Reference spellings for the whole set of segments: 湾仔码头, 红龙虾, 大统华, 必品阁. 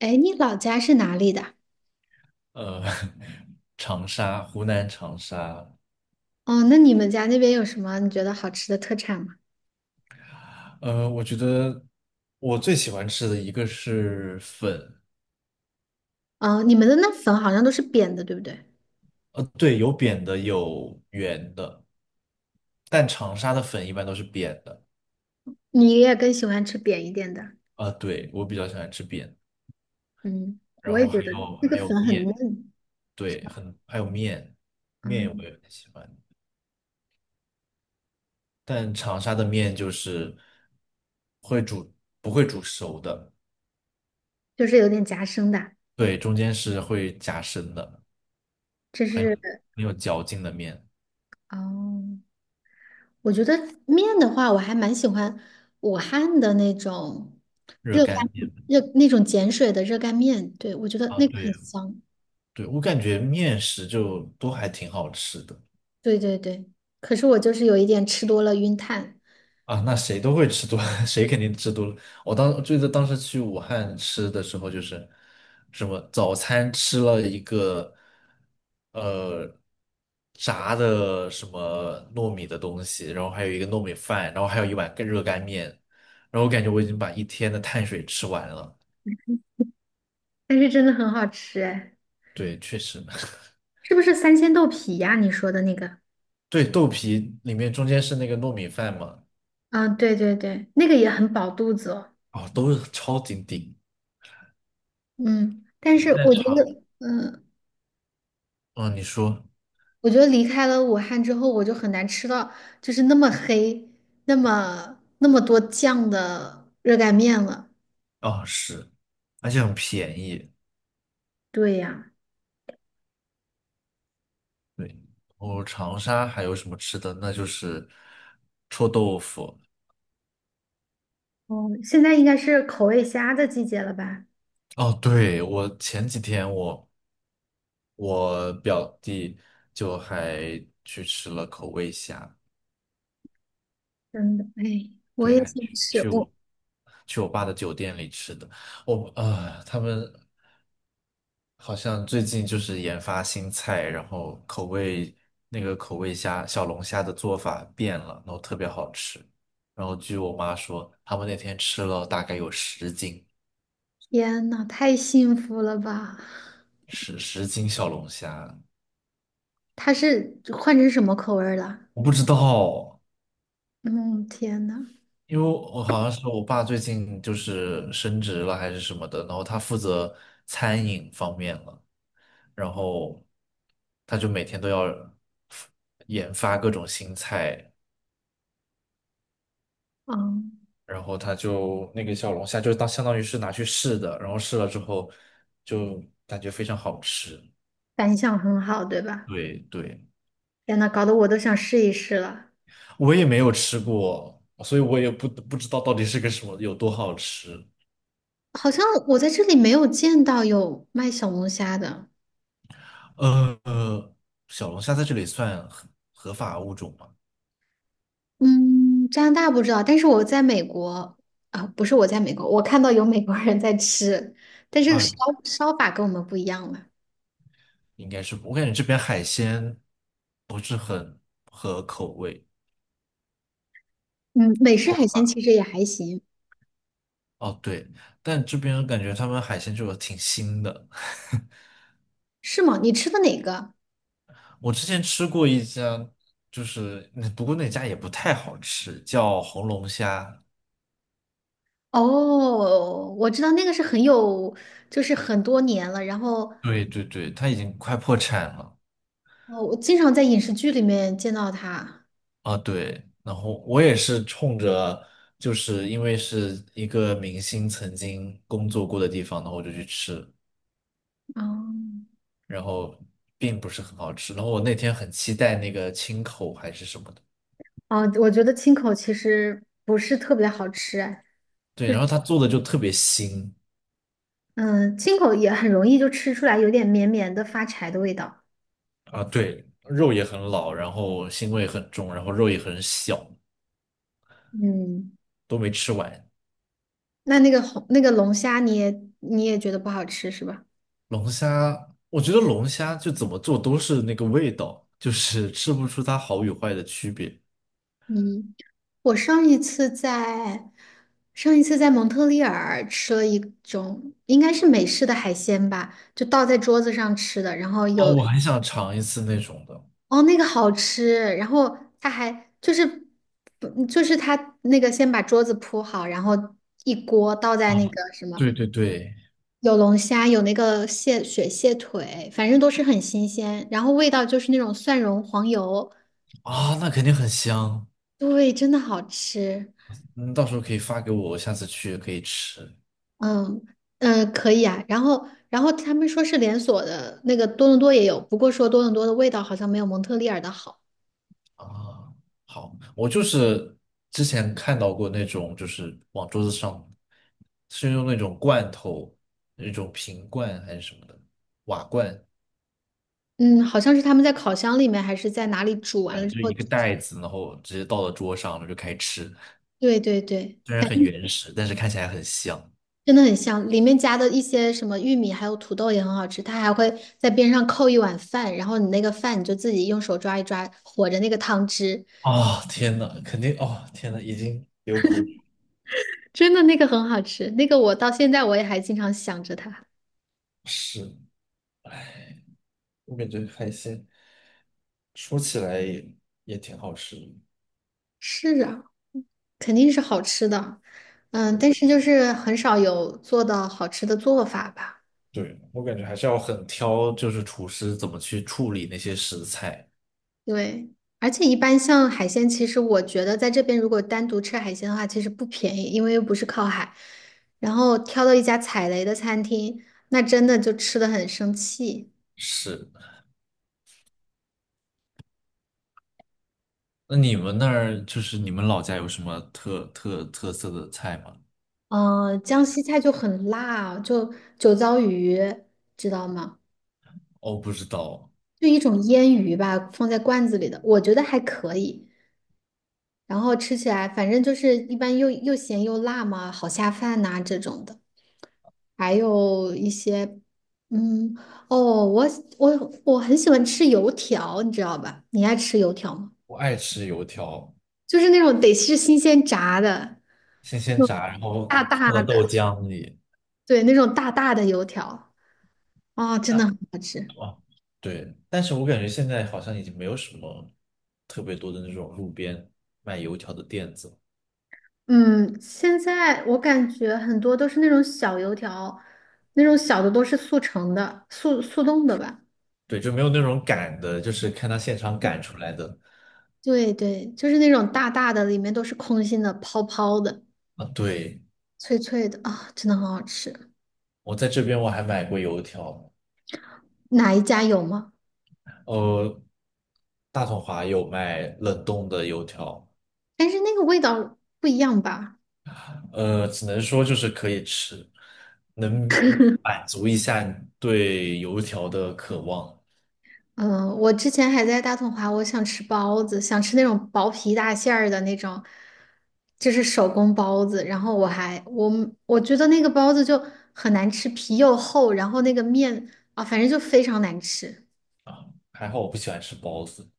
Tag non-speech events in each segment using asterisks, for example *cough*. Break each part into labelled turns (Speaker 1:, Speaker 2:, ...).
Speaker 1: 哎，你老家是哪里的？
Speaker 2: 呃，*laughs* 长沙，湖南长沙。
Speaker 1: 哦，那你们家那边有什么你觉得好吃的特产吗？
Speaker 2: 我觉得我最喜欢吃的一个是粉。
Speaker 1: 哦，你们的那粉好像都是扁的，对不对？
Speaker 2: 对，有扁的，有圆的，但长沙的粉一般都是扁的。
Speaker 1: 你也更喜欢吃扁一点的。
Speaker 2: 啊、对，我比较喜欢吃扁，
Speaker 1: 嗯，
Speaker 2: 然
Speaker 1: 我
Speaker 2: 后
Speaker 1: 也觉
Speaker 2: 还
Speaker 1: 得
Speaker 2: 有
Speaker 1: 那个
Speaker 2: 还有
Speaker 1: 粉很
Speaker 2: 面。
Speaker 1: 嫩。
Speaker 2: 对，很还有面，面我
Speaker 1: 嗯，
Speaker 2: 也很喜欢，但长沙的面就是会煮，不会煮熟的。
Speaker 1: 就是有点夹生的。
Speaker 2: 对，中间是会夹生的，
Speaker 1: 这是，
Speaker 2: 很有嚼劲的面。
Speaker 1: 哦，我觉得面的话，我还蛮喜欢武汉的那种
Speaker 2: 热
Speaker 1: 热干，
Speaker 2: 干面。
Speaker 1: 热那种碱水的热干面，对，我觉得
Speaker 2: 啊，
Speaker 1: 那个很
Speaker 2: 对
Speaker 1: 香。
Speaker 2: 对，我感觉面食就都还挺好吃的。
Speaker 1: 对对对，可是我就是有一点吃多了晕碳。
Speaker 2: 啊，那谁都会吃多，*laughs* 谁肯定吃多了。我当记得当时去武汉吃的时候，就是什么早餐吃了一个呃炸的什么糯米的东西，然后还有一个糯米饭，然后还有一碗干热干面，然后我感觉我已经把一天的碳水吃完了。
Speaker 1: 但是真的很好吃哎。
Speaker 2: 对，确实。*laughs*
Speaker 1: 是不是三鲜豆皮呀？你说的那个？
Speaker 2: 对，豆皮里面中间是那个糯米饭嘛。
Speaker 1: 啊，对对对，那个也很饱肚子哦。
Speaker 2: 哦，都是超级顶。
Speaker 1: 嗯，但
Speaker 2: 对，
Speaker 1: 是
Speaker 2: 在
Speaker 1: 我觉
Speaker 2: 场，
Speaker 1: 得，
Speaker 2: 嗯，你说。
Speaker 1: 我觉得离开了武汉之后，我就很难吃到就是那么黑、那么多酱的热干面了。
Speaker 2: 啊是，而且很便宜。
Speaker 1: 对呀。
Speaker 2: 对，然后长沙还有什么吃的？那就是臭豆腐。
Speaker 1: 哦，现在应该是口味虾的季节了吧？
Speaker 2: 哦，对，我前几天我表弟就还去吃了口味虾。
Speaker 1: 真的，哎，我
Speaker 2: 对，
Speaker 1: 也
Speaker 2: 还
Speaker 1: 想
Speaker 2: 去
Speaker 1: 吃，
Speaker 2: 去我
Speaker 1: 我——
Speaker 2: 我爸的酒店里吃的。我啊、他们好像最近就是研发新菜，然后口味那个口味虾小龙虾的做法变了，然后特别好吃。然后据我妈说，他们那天吃了大概有十斤，
Speaker 1: 天呐，太幸福了吧！
Speaker 2: 十斤小龙虾。
Speaker 1: 它是换成什么口味儿了？
Speaker 2: 我不知道，
Speaker 1: 嗯，天呐。
Speaker 2: 因为我好像是我爸最近就是升职了还是什么的，然后他负责餐饮方面了，然后他就每天都要研发各种新菜，
Speaker 1: 哦，
Speaker 2: 然后他就那个小龙虾就当相当于是拿去试的，然后试了之后就感觉非常好吃。
Speaker 1: 反响很好，对吧？
Speaker 2: 对对，
Speaker 1: 天呐，搞得我都想试一试了。
Speaker 2: 我也没有吃过，所以我也不知道到底是个什么，有多好吃。
Speaker 1: 好像我在这里没有见到有卖小龙虾的。
Speaker 2: 呃，小龙虾在这里算合法物种吗？
Speaker 1: 嗯，加拿大不知道，但是我在美国——啊、不是我在美国，我看到有美国人在吃，但是
Speaker 2: 啊，
Speaker 1: 烧，烧法跟我们不一样了。
Speaker 2: 应该是不我感觉这边海鲜不是很合口味
Speaker 1: 嗯，美式
Speaker 2: 做
Speaker 1: 海鲜
Speaker 2: 法。
Speaker 1: 其实也还行。
Speaker 2: 哦，对，但这边感觉他们海鲜就挺腥的。*laughs*
Speaker 1: 是吗？你吃的哪个？
Speaker 2: 我之前吃过一家，就是那不过那家也不太好吃，叫红龙虾。
Speaker 1: 哦，我知道那个是很有，就是很多年了，然后——
Speaker 2: 对对对，它已经快破产了。
Speaker 1: 哦，我经常在影视剧里面见到它。
Speaker 2: 啊，对，然后我也是冲着，就是因为是一个明星曾经工作过的地方，然后我就去吃，
Speaker 1: 哦。
Speaker 2: 然后并不是很好吃。然后我那天很期待那个清口还是什么的，
Speaker 1: 哦，我觉得青口其实不是特别好吃啊。哎，
Speaker 2: 对，
Speaker 1: 就是，
Speaker 2: 然后他做的就特别腥。
Speaker 1: 嗯，青口也很容易就吃出来有点绵绵的发柴的味道。
Speaker 2: 啊，对，肉也很老，然后腥味很重，然后肉也很小，
Speaker 1: 嗯，
Speaker 2: 都没吃完。
Speaker 1: 那那个红那个龙虾你也你也觉得不好吃是吧？
Speaker 2: 龙虾，我觉得龙虾就怎么做都是那个味道，就是吃不出它好与坏的区别。
Speaker 1: 嗯，我上一次在——上一次在蒙特利尔吃了一种应该是美式的海鲜吧，就倒在桌子上吃的，然后
Speaker 2: 哦，
Speaker 1: 有——
Speaker 2: 我很想尝一次那种的。
Speaker 1: 哦，那个好吃，然后他还就是，不就是他那个先把桌子铺好，然后一锅倒在
Speaker 2: 啊，
Speaker 1: 那个什么，
Speaker 2: 对对对。
Speaker 1: 有龙虾，有那个蟹，雪蟹腿，反正都是很新鲜，然后味道就是那种蒜蓉黄油，
Speaker 2: 啊，那肯定很香。
Speaker 1: 对，真的好吃。
Speaker 2: 嗯，到时候可以发给我，我下次去也可以吃。
Speaker 1: 嗯，嗯，可以啊，然后他们说是连锁的，那个多伦多也有，不过说多伦多的味道好像没有蒙特利尔的好。
Speaker 2: 啊，好，我就是之前看到过那种，就是往桌子上是用那种罐头，那种瓶罐还是什么的瓦罐，
Speaker 1: 嗯，好像是他们在烤箱里面还是在哪里煮完
Speaker 2: 反
Speaker 1: 了
Speaker 2: 正
Speaker 1: 之
Speaker 2: 就
Speaker 1: 后，
Speaker 2: 一个袋子，然后直接倒到桌上了就开始吃。
Speaker 1: 对对对。
Speaker 2: 虽然很原始，但是看起来很香。
Speaker 1: 真的很香，里面加的一些什么玉米还有土豆也很好吃，它还会在边上扣一碗饭，然后你那个饭你就自己用手抓一抓，和着那个汤汁，
Speaker 2: 啊、天呐，肯定哦，天呐，已经流口水。
Speaker 1: 真的那个很好吃，那个我到现在我也还经常想着它。
Speaker 2: 是，我感觉海鲜说起来也也挺好吃的。
Speaker 1: 是啊，肯定是好吃的。嗯，
Speaker 2: 对
Speaker 1: 但是就是很少有做到好吃的做法吧。
Speaker 2: 对，我感觉还是要很挑，就是厨师怎么去处理那些食材。
Speaker 1: 对，而且一般像海鲜，其实我觉得在这边如果单独吃海鲜的话，其实不便宜，因为又不是靠海。然后挑到一家踩雷的餐厅，那真的就吃的很生气。
Speaker 2: 是，那你们那儿就是你们老家有什么特色的菜吗？
Speaker 1: 嗯,江西菜就很辣，就酒糟鱼，知道吗？
Speaker 2: 哦，不知道。
Speaker 1: 就一种腌鱼吧，放在罐子里的，我觉得还可以。然后吃起来反正就是一般又咸又辣嘛，好下饭呐、这种的。还有一些，嗯，哦，我我很喜欢吃油条，你知道吧？你爱吃油条吗？
Speaker 2: 我爱吃油条，
Speaker 1: 就是那种得是新鲜炸的，
Speaker 2: 新
Speaker 1: 那
Speaker 2: 鲜
Speaker 1: 种
Speaker 2: 炸，然后
Speaker 1: 大大
Speaker 2: 泡到
Speaker 1: 的。
Speaker 2: 豆浆里。
Speaker 1: 对，那种大大的油条，哦，真的很好吃。
Speaker 2: 啊，对，但是我感觉现在好像已经没有什么特别多的那种路边卖油条的店子了。
Speaker 1: 嗯，现在我感觉很多都是那种小油条，那种小的都是速成的、速冻的吧。
Speaker 2: 对，就没有那种擀的，就是看他现场擀出来的。
Speaker 1: 对对，就是那种大大的，里面都是空心的、泡泡的、
Speaker 2: 啊，对，
Speaker 1: 脆脆的啊，真的很好吃。
Speaker 2: 我在这边我还买过油条。
Speaker 1: 哪一家有吗？
Speaker 2: 呃，大统华有卖冷冻的油条。
Speaker 1: 但是那个味道不一样吧？
Speaker 2: 只能说就是可以吃，能满足一下你对油条的渴望。
Speaker 1: 嗯、我之前还在大统华，我想吃包子，想吃那种薄皮大馅儿的那种，就是手工包子。然后我还我我觉得那个包子就很难吃，皮又厚，然后那个面，啊，反正就非常难吃。
Speaker 2: 啊，还好我不喜欢吃包子。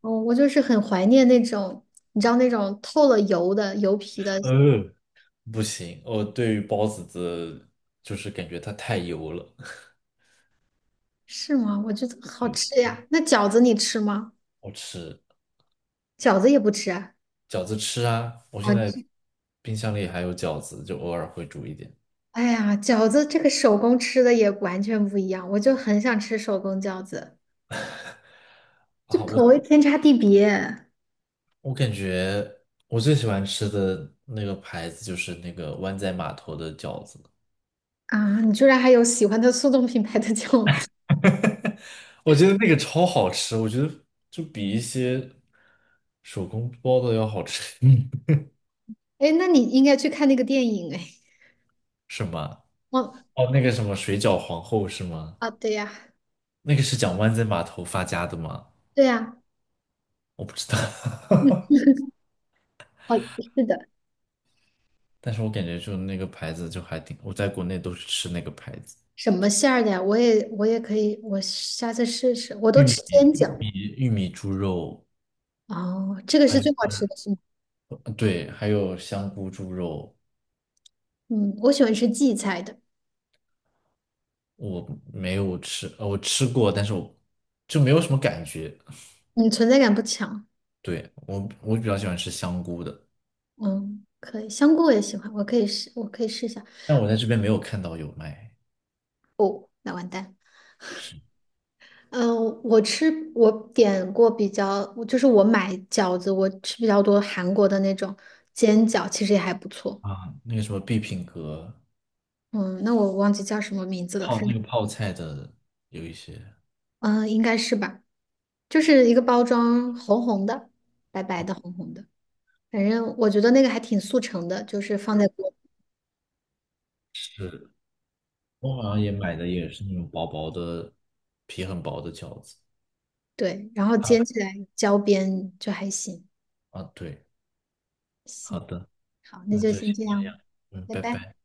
Speaker 1: 哦，我就是很怀念那种，你知道那种透了油的油皮的。
Speaker 2: 呃，不行，我对于包子的，就是感觉它太油了。*laughs*
Speaker 1: 是吗？我觉得好
Speaker 2: 对，
Speaker 1: 吃呀。那饺子你吃吗？
Speaker 2: 我吃
Speaker 1: 饺子也不吃啊？
Speaker 2: 饺子吃啊，我
Speaker 1: 好
Speaker 2: 现在
Speaker 1: 吃。
Speaker 2: 冰箱里还有饺子，就偶尔会煮一点。
Speaker 1: *laughs* 哎呀，饺子这个手工吃的也完全不一样，我就很想吃手工饺子，就
Speaker 2: 啊，
Speaker 1: 口味
Speaker 2: 我
Speaker 1: 天差地别。
Speaker 2: 我感觉我最喜欢吃的那个牌子就是那个湾仔码头的饺子，
Speaker 1: 啊！你居然还有喜欢的速冻品牌的饺子。
Speaker 2: 我觉得那个超好吃，我觉得就比一些手工包的要好吃。*laughs* 嗯，
Speaker 1: 哎，那你应该去看那个电影哎。
Speaker 2: 是吗？
Speaker 1: 哦，
Speaker 2: 哦，那个什么水饺皇后是吗？
Speaker 1: 啊，对呀，
Speaker 2: 那个是讲湾仔码头发家的吗？
Speaker 1: 对呀，
Speaker 2: 我不知道。*laughs*
Speaker 1: 好，是的。
Speaker 2: 但是我感觉就那个牌子就还挺，我在国内都是吃那个牌子，
Speaker 1: 什么馅儿的呀？我也可以，我下次试试。我都
Speaker 2: 玉
Speaker 1: 吃
Speaker 2: 米
Speaker 1: 煎
Speaker 2: 玉
Speaker 1: 饺。
Speaker 2: 米玉米猪肉。
Speaker 1: 哦，这个
Speaker 2: 还
Speaker 1: 是
Speaker 2: 有
Speaker 1: 最好吃的是吗？
Speaker 2: 对，还有香菇猪肉。
Speaker 1: 嗯，我喜欢吃荠菜的。
Speaker 2: 我没有吃，我吃过，但是我就没有什么感觉。
Speaker 1: 你存在感不强。
Speaker 2: 对，我我比较喜欢吃香菇的，
Speaker 1: 嗯，可以，香菇我也喜欢，我可以试，我可以试一下。
Speaker 2: 但我在这边没有看到有卖。
Speaker 1: 哦，那完蛋。
Speaker 2: 是
Speaker 1: 嗯，我吃，我点过比较，就是我买饺子，我吃比较多韩国的那种煎饺，其实也还不错。
Speaker 2: 啊，那个什么必品阁
Speaker 1: 嗯，那我忘记叫什么名字了，
Speaker 2: 泡
Speaker 1: 反
Speaker 2: 那
Speaker 1: 正
Speaker 2: 个泡菜的有一些
Speaker 1: 嗯，应该是吧，就是一个包装红红的，白白的红红的，反正我觉得那个还挺速成的，就是放在锅，
Speaker 2: 是，我好像也买的也是那种薄薄的皮很薄的饺子。
Speaker 1: 对，然后
Speaker 2: 它
Speaker 1: 煎起来焦边就还行。
Speaker 2: 啊，对。好
Speaker 1: 行。
Speaker 2: 的，
Speaker 1: 好，那
Speaker 2: 那
Speaker 1: 就
Speaker 2: 就
Speaker 1: 先
Speaker 2: 先
Speaker 1: 这
Speaker 2: 这样。
Speaker 1: 样，
Speaker 2: 嗯，
Speaker 1: 拜
Speaker 2: 拜
Speaker 1: 拜。
Speaker 2: 拜。